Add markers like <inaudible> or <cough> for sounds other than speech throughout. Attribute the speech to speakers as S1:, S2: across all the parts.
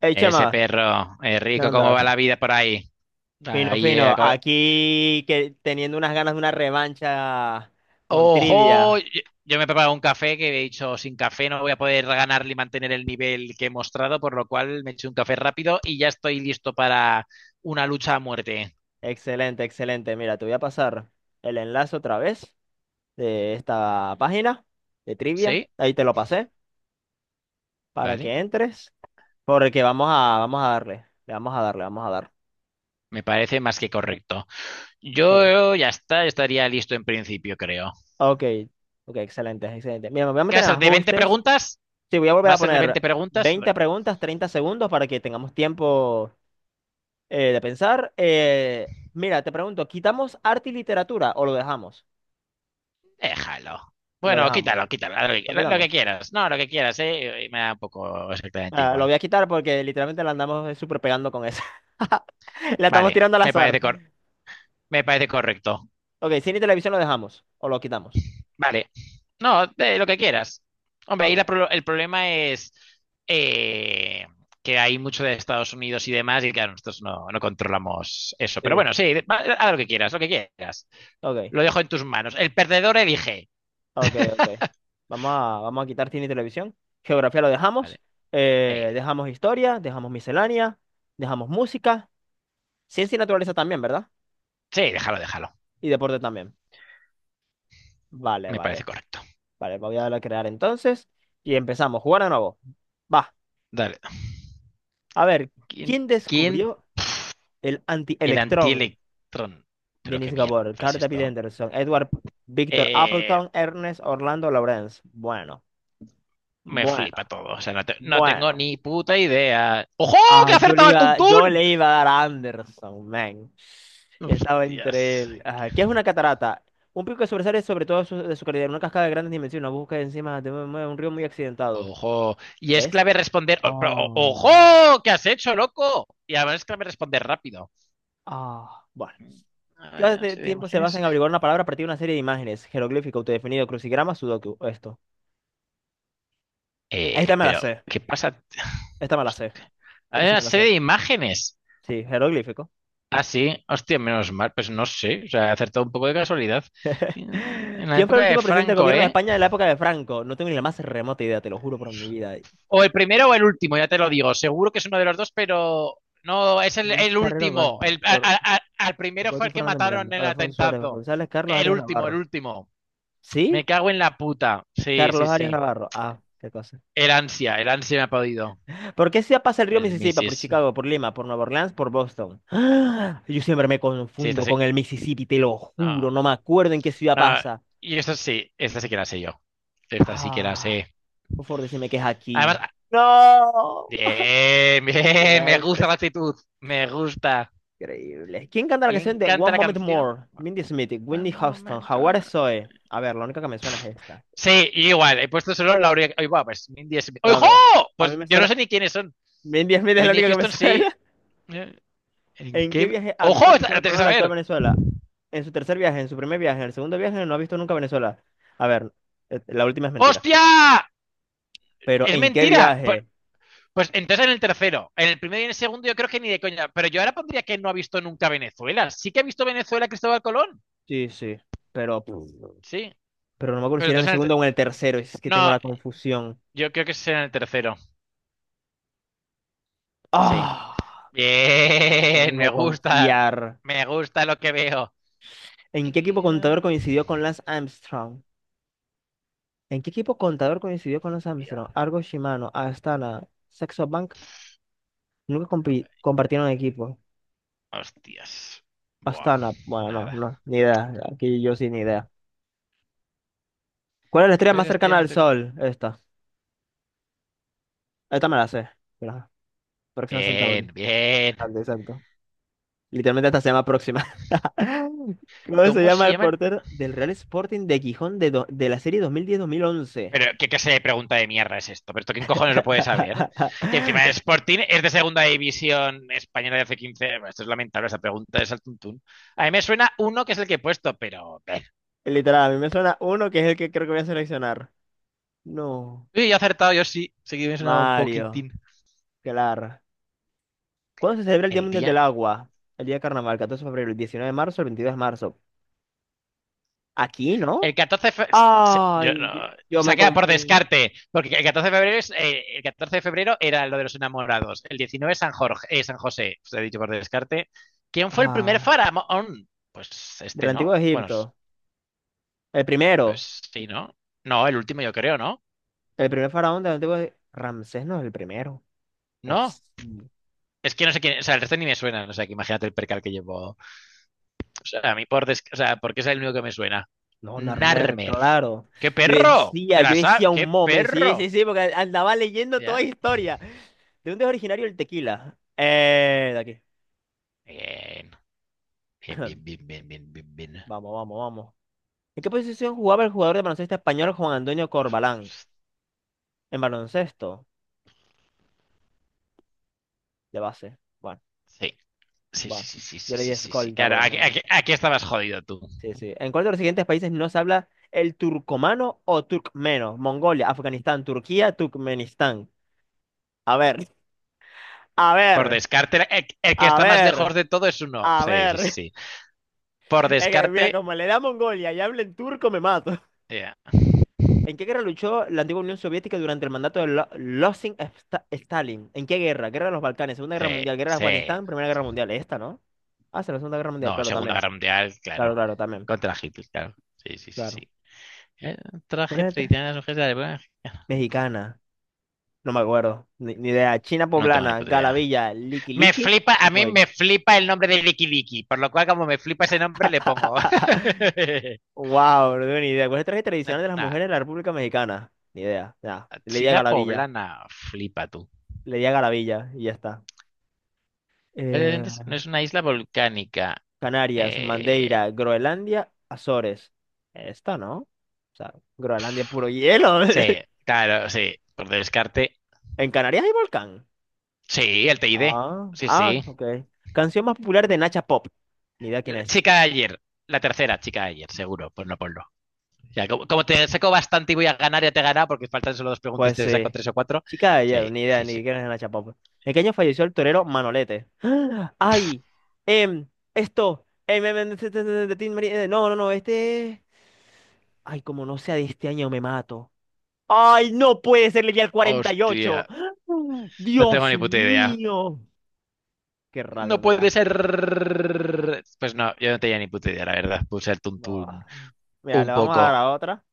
S1: Hey,
S2: Ese
S1: Chema,
S2: perro,
S1: ¿qué
S2: rico, ¿cómo va
S1: andas?
S2: la vida por ahí?
S1: Fino,
S2: Ahí,
S1: fino. Aquí que, teniendo unas ganas de una revancha con
S2: ¡Ojo!
S1: trivia.
S2: Yo me he preparado un café que he dicho, sin café no voy a poder ganarle y mantener el nivel que he mostrado, por lo cual me he hecho un café rápido y ya estoy listo para una lucha a muerte.
S1: Excelente, excelente. Mira, te voy a pasar el enlace otra vez de esta página de trivia.
S2: ¿Sí?
S1: Ahí te lo pasé para
S2: Vale.
S1: que entres. Porque vamos a darle. Le vamos a darle, vamos a dar.
S2: Me parece más que correcto.
S1: Ok,
S2: Yo estaría listo en principio, creo.
S1: ok, ok, excelente, excelente. Mira, me voy a
S2: ¿Qué va
S1: meter
S2: a
S1: en
S2: ser? ¿De 20
S1: ajustes.
S2: preguntas?
S1: Sí, voy a volver a poner
S2: ¿Va a ser de veinte
S1: 20
S2: preguntas?
S1: preguntas, 30 segundos para que tengamos tiempo de pensar. Mira, te pregunto, ¿quitamos arte y literatura o lo dejamos?
S2: Déjalo.
S1: Lo
S2: Bueno, quítalo,
S1: dejamos.
S2: quítalo,
S1: ¿Lo
S2: lo que
S1: quitamos?
S2: quieras. No, lo que quieras, ¿eh? Y me da un poco exactamente
S1: Ah, lo
S2: igual.
S1: voy a quitar porque literalmente la andamos súper pegando con eso. <laughs> La estamos
S2: Vale,
S1: tirando al
S2: me
S1: azar.
S2: parece, cor- Me parece correcto.
S1: Ok, cine y televisión lo dejamos o lo quitamos.
S2: Vale, no, de lo que quieras. Hombre, ahí
S1: Ok.
S2: el problema es eh, que hay mucho de Estados Unidos y demás, y claro, nosotros no, no controlamos eso. Pero
S1: Sí.
S2: bueno, sí, haz lo que quieras, lo que quieras.
S1: Ok,
S2: Lo dejo en tus manos. El perdedor elige.
S1: ok, ok.
S2: <laughs>
S1: Vamos a quitar cine y televisión. Geografía lo dejamos.
S2: Vale. Sí,
S1: Dejamos historia, dejamos miscelánea, dejamos música. Ciencia y naturaleza también, ¿verdad?
S2: sí, déjalo, déjalo.
S1: Y deporte también. Vale,
S2: Me parece
S1: vale.
S2: correcto.
S1: Vale, voy a darle a crear entonces y empezamos. Jugar de nuevo. Va.
S2: Dale.
S1: A ver,
S2: ¿Quién?
S1: ¿quién
S2: ¿Quién?
S1: descubrió el
S2: El
S1: antielectrón?
S2: antielectrón. Pero
S1: Denis
S2: qué mierda
S1: Gabor,
S2: es
S1: Carl David
S2: esto.
S1: Anderson, Edward Victor
S2: Eh,
S1: Appleton, Ernest Orlando Lawrence. Bueno,
S2: Me
S1: bueno,
S2: flipa todo. O sea, no, no tengo
S1: bueno.
S2: ni puta idea. ¡Ojo! ¡Que
S1: Ah,
S2: ha
S1: yo le
S2: acertado el
S1: iba, yo
S2: tuntún!
S1: le iba a dar a Anderson, man. Y estaba entre
S2: ¡Hostias!
S1: él. Ajá, ¿qué es una catarata? Un pico que sobresale sobre todo de su calidad, una cascada de grandes dimensiones, una búsqueda encima de un río muy accidentado.
S2: ¡Ojo! Y es
S1: ¿Es?
S2: clave responder.
S1: Oh.
S2: ¡Ojo! ¿Qué has hecho, loco? Y además es clave responder rápido.
S1: Ah, bueno.
S2: A
S1: ¿Qué
S2: ver, una
S1: hace
S2: serie de
S1: tiempo se basa
S2: imágenes.
S1: en averiguar una palabra a partir de una serie de imágenes? Jeroglífico, autodefinido, crucigrama, sudoku. Esto. Esta me la
S2: Pero,
S1: sé.
S2: ¿qué pasa?
S1: Esta me la sé.
S2: Hostia,
S1: Esta
S2: hay
S1: sí
S2: una
S1: me la sé.
S2: serie de imágenes.
S1: Sí, jeroglífico.
S2: Ah, sí. Hostia, menos mal. Pues no sé. O sea, he acertado un poco de casualidad.
S1: <laughs>
S2: En la
S1: ¿Quién fue el
S2: época de
S1: último presidente del
S2: Franco,
S1: gobierno de
S2: ¿eh?
S1: España de la época de Franco? No tengo ni la más remota idea, te lo juro por mi vida.
S2: O el primero o el último, ya te lo digo. Seguro que es uno de los dos, pero no, es
S1: Luis
S2: el
S1: Carrero
S2: último.
S1: Banda,
S2: El,
S1: ¿por
S2: al primero fue
S1: Roberto
S2: el que
S1: Fernando
S2: mataron
S1: Miranda,
S2: en el
S1: Adolfo Suárez
S2: atentado.
S1: González, Carlos
S2: El
S1: Arias
S2: último, el
S1: Navarro.
S2: último.
S1: ¿Sí?
S2: Me cago en la puta. Sí, sí,
S1: Carlos Arias
S2: sí.
S1: Navarro. Ah, qué cosa.
S2: El ansia me ha podido.
S1: ¿Por qué se pasa el río
S2: El
S1: Mississippi? ¿Por
S2: Missis. Sí,
S1: Chicago, por Lima, por Nueva Orleans, por Boston? ¡Ah! Yo siempre me
S2: sí, esta
S1: confundo
S2: sí.
S1: con el Mississippi, te lo
S2: No,
S1: juro. No me acuerdo en qué ciudad
S2: no.
S1: pasa.
S2: Y esta sí que la sé yo. Esta sí que la
S1: Ah,
S2: sé.
S1: por favor, decime que es aquí.
S2: Además,
S1: ¡No!
S2: bien, bien, me
S1: Siempre
S2: gusta la
S1: es
S2: actitud. Me gusta.
S1: increíble. ¿Quién canta la
S2: ¿Quién
S1: canción de
S2: canta
S1: One
S2: la
S1: Moment
S2: canción?
S1: More? Mindy Smith,
S2: Bueno,
S1: Whitney
S2: un
S1: Houston,
S2: momento.
S1: Howard Zoe. A ver, la única que me suena es esta.
S2: Sí, igual, he puesto solo la orilla. Oye, va, pues Mindy es.
S1: No,
S2: ¡Ojo!
S1: mira. A mí
S2: Pues
S1: me
S2: yo no
S1: suena.
S2: sé ni quiénes son.
S1: Mindy Smith es la
S2: Whitney
S1: única que me
S2: Houston sí.
S1: suena.
S2: Eh, ¿En
S1: ¿En qué
S2: qué?
S1: viaje ha
S2: ¡Ojo!
S1: visto
S2: Esta la
S1: Cristóbal
S2: tienes que
S1: Colón la actual
S2: saber.
S1: Venezuela? En su tercer viaje, en su primer viaje, en el segundo viaje, no ha visto nunca Venezuela. A ver, la última es mentira.
S2: ¡Hostia!
S1: Pero
S2: ¡Es
S1: ¿en qué
S2: mentira! Pues,
S1: viaje?
S2: pues entonces en el tercero. En el primero y en el segundo yo creo que ni de coña. Pero yo ahora pondría que no ha visto nunca Venezuela. Sí que ha visto Venezuela Cristóbal Colón.
S1: Sí, sí. Pero,
S2: Sí.
S1: pero no me acuerdo si
S2: Pero
S1: era en el
S2: entonces en el.
S1: segundo
S2: ter-
S1: o en el tercero. Es que tengo
S2: No,
S1: la confusión.
S2: yo creo que es en el tercero. Sí.
S1: Ah, por
S2: Bien, me
S1: no
S2: gusta.
S1: confiar.
S2: Me gusta lo que veo.
S1: ¿En qué equipo
S2: Eh,
S1: contador coincidió con Lance Armstrong? ¿En qué equipo contador coincidió con Lance Armstrong? Argo Shimano, Astana, Saxo Bank. Nunca compartieron equipo.
S2: Hostias. Buah,
S1: Astana, bueno, no,
S2: nada.
S1: no, ni idea. Aquí yo sí, ni idea. ¿Cuál es la estrella
S2: ¿Cuáles
S1: más
S2: las
S1: cercana
S2: teorías
S1: al
S2: más
S1: Sol? Esta. Esta me la sé. Mira, Próxima Centauri.
S2: bien, bien?
S1: Grande, exacto. Literalmente esta se llama Próxima. <laughs> ¿Cómo se
S2: ¿Cómo
S1: llama
S2: se
S1: el
S2: llama el...?
S1: portero del Real Sporting de Gijón de la serie dos dos mil diez mil once?
S2: Pero, ¿qué clase de pregunta de mierda es esto? ¿Pero esto quién cojones lo puede saber? Que encima el
S1: <laughs>
S2: Sporting es de segunda división española de hace 15. Bueno, esto es lamentable, esa pregunta es al tuntún. A mí me suena uno que es el que he puesto, pero...
S1: Literal, a mí me suena uno que es el que creo que voy a seleccionar. No.
S2: Uy, yo he acertado, yo sí. Sí que me suena un
S1: Mario.
S2: poquitín.
S1: Claro. ¿Cuándo se celebra el Día
S2: El
S1: Mundial del
S2: día...
S1: Agua? El día de carnaval, 14 de febrero, el 19 de marzo, el 22 de marzo. ¿Aquí,
S2: El
S1: no?
S2: 14 de fe- yo
S1: Ay, yo
S2: no- o
S1: yo
S2: sea,
S1: me
S2: queda por
S1: confundo.
S2: descarte, porque el 14 de febrero es, el 14 de febrero era lo de los enamorados, el 19 San Jorge, San José, os he dicho por descarte. ¿Quién fue el primer
S1: Ah.
S2: faraón? Pues
S1: Del
S2: este,
S1: Antiguo
S2: ¿no? Bueno,
S1: Egipto. El primero.
S2: pues sí, ¿no? No, el último yo creo, ¿no?
S1: El primer faraón del Antiguo Egipto. Ramsés no es el primero. Oh,
S2: No.
S1: sí.
S2: Es que no sé quién, o sea, el resto ni me suena, o sea, que imagínate el percal que llevo. O sea, a mí o sea, porque es el único que me suena.
S1: No, Narmer,
S2: Narmer.
S1: claro.
S2: ¡Qué
S1: Yo
S2: perro!
S1: decía,
S2: ¿Te
S1: yo
S2: la
S1: decía
S2: sabes?
S1: un
S2: ¡Qué
S1: momento. Sí,
S2: perro!
S1: sí, sí, porque andaba leyendo toda
S2: Ya.
S1: historia. ¿De dónde es originario el tequila? De aquí.
S2: Bien. Bien, bien, bien, bien, bien, bien, bien.
S1: Vamos, vamos, vamos. ¿En qué posición jugaba el jugador de baloncesto español Juan Antonio Corbalán? En baloncesto, de base. Bueno,
S2: Sí, sí, sí,
S1: bueno.
S2: sí, sí,
S1: Yo
S2: sí,
S1: le di
S2: sí, sí, sí.
S1: escolta
S2: Claro,
S1: porque
S2: aquí,
S1: no.
S2: aquí estabas jodido tú.
S1: Sí, sí. ¿En cuál de los siguientes países no se habla el turcomano o turcmeno? Mongolia, Afganistán, Turquía, Turkmenistán. A ver, a
S2: Por
S1: ver,
S2: descarte, el que
S1: a
S2: está más lejos
S1: ver,
S2: de todo es uno.
S1: a
S2: Sí, sí, sí,
S1: ver.
S2: sí.
S1: <laughs>
S2: Por
S1: Es que, mira,
S2: descarte,
S1: como le da a Mongolia y habla en turco, me mato.
S2: eh,
S1: ¿En qué guerra luchó la antigua Unión Soviética durante el mandato de Losing Stalin? ¿En qué guerra? Guerra de los Balcanes, Segunda Guerra
S2: sí,
S1: Mundial, Guerra de
S2: sí.
S1: Afganistán, Primera Guerra Mundial. Esta, ¿no? Ah, sí, la Segunda Guerra Mundial,
S2: No,
S1: claro,
S2: Segunda
S1: también.
S2: Guerra Mundial,
S1: Claro,
S2: claro.
S1: claro, también.
S2: Contra Hitler, claro. Sí, sí, sí,
S1: Claro.
S2: sí. Eh,
S1: ¿Cuál
S2: Traje
S1: era la otra?
S2: tradicional de mujeres de la época.
S1: Mexicana. No me acuerdo. Ni idea. China
S2: No tengo ni
S1: poblana,
S2: puta idea.
S1: Galavilla, Liki
S2: Me
S1: Liki.
S2: flipa, a mí
S1: Voy.
S2: me flipa el nombre de Licky Licky, por lo cual como me flipa ese nombre le pongo.
S1: <laughs>
S2: <laughs>
S1: Wow, no tengo ni idea. ¿Cuáles trajes tradicionales de las
S2: Nada,
S1: mujeres de la República Mexicana? Ni idea. Ya. Le di a
S2: China
S1: Galavilla.
S2: poblana, flipa tú.
S1: Le di a Galavilla y ya está. Eh,
S2: Cascadientes no es una isla volcánica.
S1: Canarias,
S2: Eh,
S1: Madeira, Groenlandia, Azores. Esta, ¿no? O sea, Groenlandia es puro hielo.
S2: sí,
S1: <laughs>
S2: claro, sí. Por descarte.
S1: En Canarias hay volcán.
S2: Sí, el TID.
S1: Ah,
S2: Sí,
S1: ah,
S2: sí.
S1: ok. Canción más popular de Nacha Pop. Ni idea quién
S2: La
S1: es.
S2: chica de ayer. La tercera chica de ayer, seguro. Pues no ponlo. Ya, como te saco bastante y voy a ganar, ya te he ganado porque faltan solo dos preguntas y
S1: Pues
S2: te saco
S1: sí.
S2: tres o cuatro.
S1: Chica de ayer,
S2: Sí,
S1: ni idea,
S2: sí, sí.
S1: ni quién es la chapapa. ¿En qué año falleció el torero Manolete? <gasps> ¡Ay! Em, esto. Este, este, este, este, Tin Marín, no, no, no, este. Ay, como no sea de este año, me mato. ¡Ay, no puede ser! Leí al 48.
S2: Hostia.
S1: <gasps>
S2: No tengo
S1: ¡Dios
S2: ni puta idea.
S1: mío! ¡Qué rabia
S2: No
S1: me da!
S2: puede ser. Pues no, yo no tenía ni puta idea, la verdad. Puse el
S1: No.
S2: tuntún
S1: Mira, le
S2: un
S1: vamos a dar
S2: poco.
S1: a otra.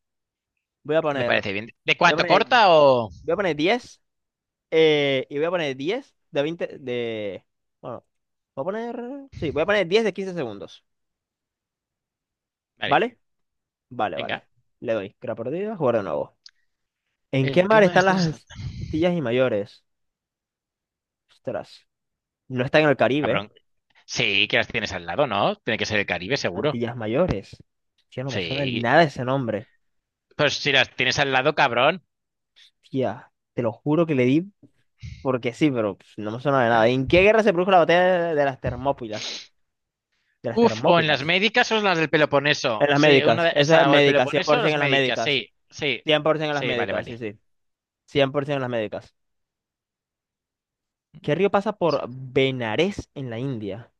S1: Voy a
S2: Me
S1: poner.
S2: parece bien. ¿De
S1: Voy a
S2: cuánto
S1: poner,
S2: corta o...?
S1: voy a poner 10 y voy a poner 10 de 20 De. Bueno, voy a poner. Sí, voy a poner 10 de 15 segundos.
S2: Vale,
S1: ¿Vale? Vale,
S2: venga.
S1: vale. Le doy. Crea perdida, jugar de nuevo. ¿En
S2: ¿En
S1: qué
S2: qué
S1: mar
S2: mar
S1: están
S2: estás?
S1: las Antillas y Mayores? Ostras. No está en el Caribe.
S2: Cabrón. Sí, que las tienes al lado, ¿no? Tiene que ser el Caribe, seguro.
S1: Antillas Mayores. Hostia, no me suena ni
S2: Sí.
S1: nada ese nombre.
S2: Pues si las tienes al lado, cabrón.
S1: Tía, te lo juro que le di porque sí, pero pf, no me suena de nada.
S2: Ya.
S1: ¿En qué guerra se produjo la batalla de las Termópilas? De las
S2: Uf, o en las
S1: Termópilas.
S2: médicas o en las del
S1: En
S2: Peloponeso.
S1: las
S2: Sí, una
S1: médicas.
S2: de
S1: Eso es
S2: esa, o el
S1: médicas.
S2: Peloponeso o
S1: 100%
S2: las
S1: en las
S2: médicas,
S1: médicas.
S2: sí, sí,
S1: 100% en las
S2: sí, vale,
S1: médicas, sí,
S2: vale.
S1: sí. 100% en las médicas. ¿Qué río pasa por Benares en la India?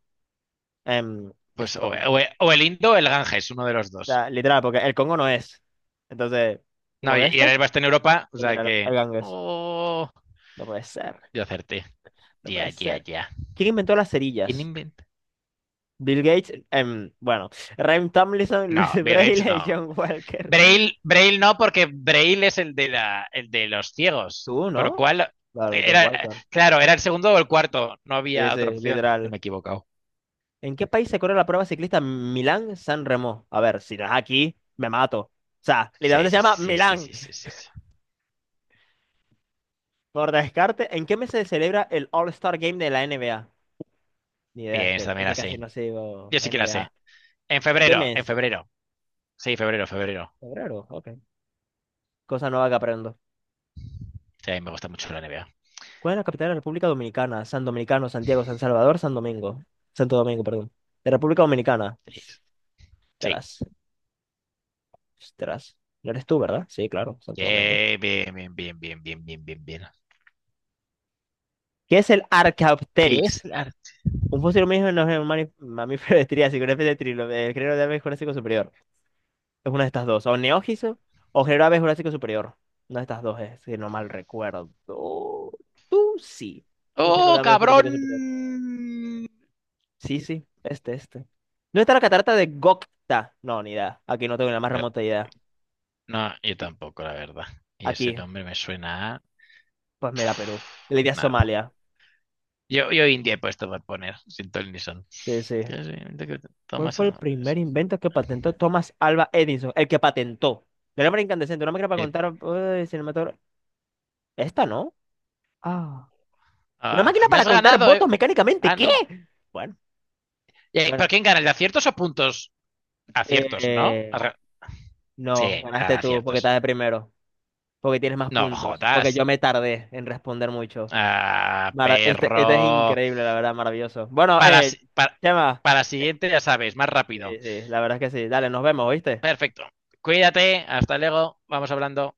S1: Em,
S2: Pues
S1: esto, o
S2: o el Indo o el Ganges, uno de los dos.
S1: sea, literal, porque el Congo no es. Entonces,
S2: No,
S1: supongo que
S2: y el
S1: este,
S2: Elba en Europa, o
S1: pues
S2: sea
S1: mira,
S2: que.
S1: el Ganges.
S2: Oh,
S1: No puede ser,
S2: yo acerté.
S1: no
S2: Ya,
S1: puede
S2: ya,
S1: ser.
S2: ya.
S1: ¿Quién inventó las
S2: ¿Quién
S1: cerillas?
S2: inventa?
S1: Bill Gates, bueno, Ryan Tomlinson, <laughs> Luis
S2: No, Bill Gates
S1: Braille y
S2: no.
S1: John Walker.
S2: Braille, Braille no, porque Braille es el de, el de los ciegos.
S1: ¿Tú,
S2: Por lo
S1: no?
S2: cual,
S1: Claro, John
S2: era,
S1: Walker.
S2: claro, era el segundo o el cuarto. No
S1: Sí,
S2: había otra
S1: sí,
S2: opción. Yo
S1: literal.
S2: me he equivocado.
S1: ¿En qué país se corre la prueba ciclista Milán-San Remo? A ver, si no es aquí, me mato. O sea,
S2: Sí,
S1: literalmente se
S2: sí,
S1: llama
S2: sí, sí, sí,
S1: Milán.
S2: sí, sí, sí, sí.
S1: Por descarte, ¿en qué mes se celebra el All-Star Game de la NBA? Ni idea,
S2: Bien, esta
S1: es
S2: también
S1: que
S2: la sé.
S1: casi no sigo
S2: Yo sí que la sé.
S1: NBA.
S2: En
S1: ¿En qué
S2: febrero, en
S1: mes?
S2: febrero. Sí, febrero, febrero.
S1: Febrero, ok. Cosa nueva que aprendo.
S2: Sí, a mí me gusta mucho la NBA.
S1: ¿Cuál es la capital de la República Dominicana? San Dominicano, Santiago, San Salvador, San Domingo. Santo Domingo, perdón. De República Dominicana.
S2: Sí, sí.
S1: Tras, tras. No eres tú, ¿verdad? Sí, claro, Santo Domingo.
S2: Yeah, bien, bien, bien, bien, bien, bien, bien, bien.
S1: ¿Qué es el
S2: ¿Qué es
S1: Archaeopteryx?
S2: la-
S1: Un fósil mismo no es un mamífero de Triásico, una especie de trilo, el género de aves Jurásico superior. Es una de estas dos. O Neogiso o Genera B Jurásico Superior. Una de estas dos es, si no mal recuerdo. Tú sí. Un género de
S2: ¡Oh,
S1: aves
S2: cabrón!
S1: Jurásico Superior. Sí, sí. Este, este. ¿no está la catarata de Gokta? No, ni idea. Aquí no tengo la más
S2: Pero-
S1: remota idea.
S2: no, yo tampoco, la verdad. Y ese
S1: Aquí,
S2: nombre me suena a...
S1: pues mira, Perú. Le di a
S2: Nada.
S1: Somalia.
S2: Yo India he puesto para poner, sin ton ni son.
S1: Sí, sí.
S2: Tienes en mente que
S1: ¿Cuál
S2: tomas
S1: fue el
S2: eso.
S1: primer invento que patentó Thomas Alva Edison? El que patentó. La lámpara incandescente, una máquina para
S2: Eh,
S1: contar. Cinematógrafo- Esta, ¿no? Ah. Una
S2: ah,
S1: máquina
S2: pues me
S1: para
S2: has
S1: contar
S2: ganado, eh.
S1: votos mecánicamente.
S2: Ah,
S1: ¿Qué?
S2: no.
S1: Bueno,
S2: ¿Pero
S1: bueno.
S2: quién gana? ¿El de aciertos o puntos? Aciertos, ¿no?
S1: Eh, no,
S2: Sí,
S1: ganaste
S2: gana
S1: tú porque
S2: aciertos.
S1: estás de primero, porque tienes más
S2: No
S1: puntos, porque
S2: jodas.
S1: yo me tardé en responder mucho.
S2: Ah,
S1: Este, este es
S2: perro.
S1: increíble, la verdad, maravilloso. Bueno,
S2: Para,
S1: Chema,
S2: para la
S1: eh,
S2: siguiente, ya sabes, más
S1: sí,
S2: rápido.
S1: sí, la verdad es que sí. Dale, nos vemos, ¿oíste?
S2: Perfecto. Cuídate, hasta luego, vamos hablando.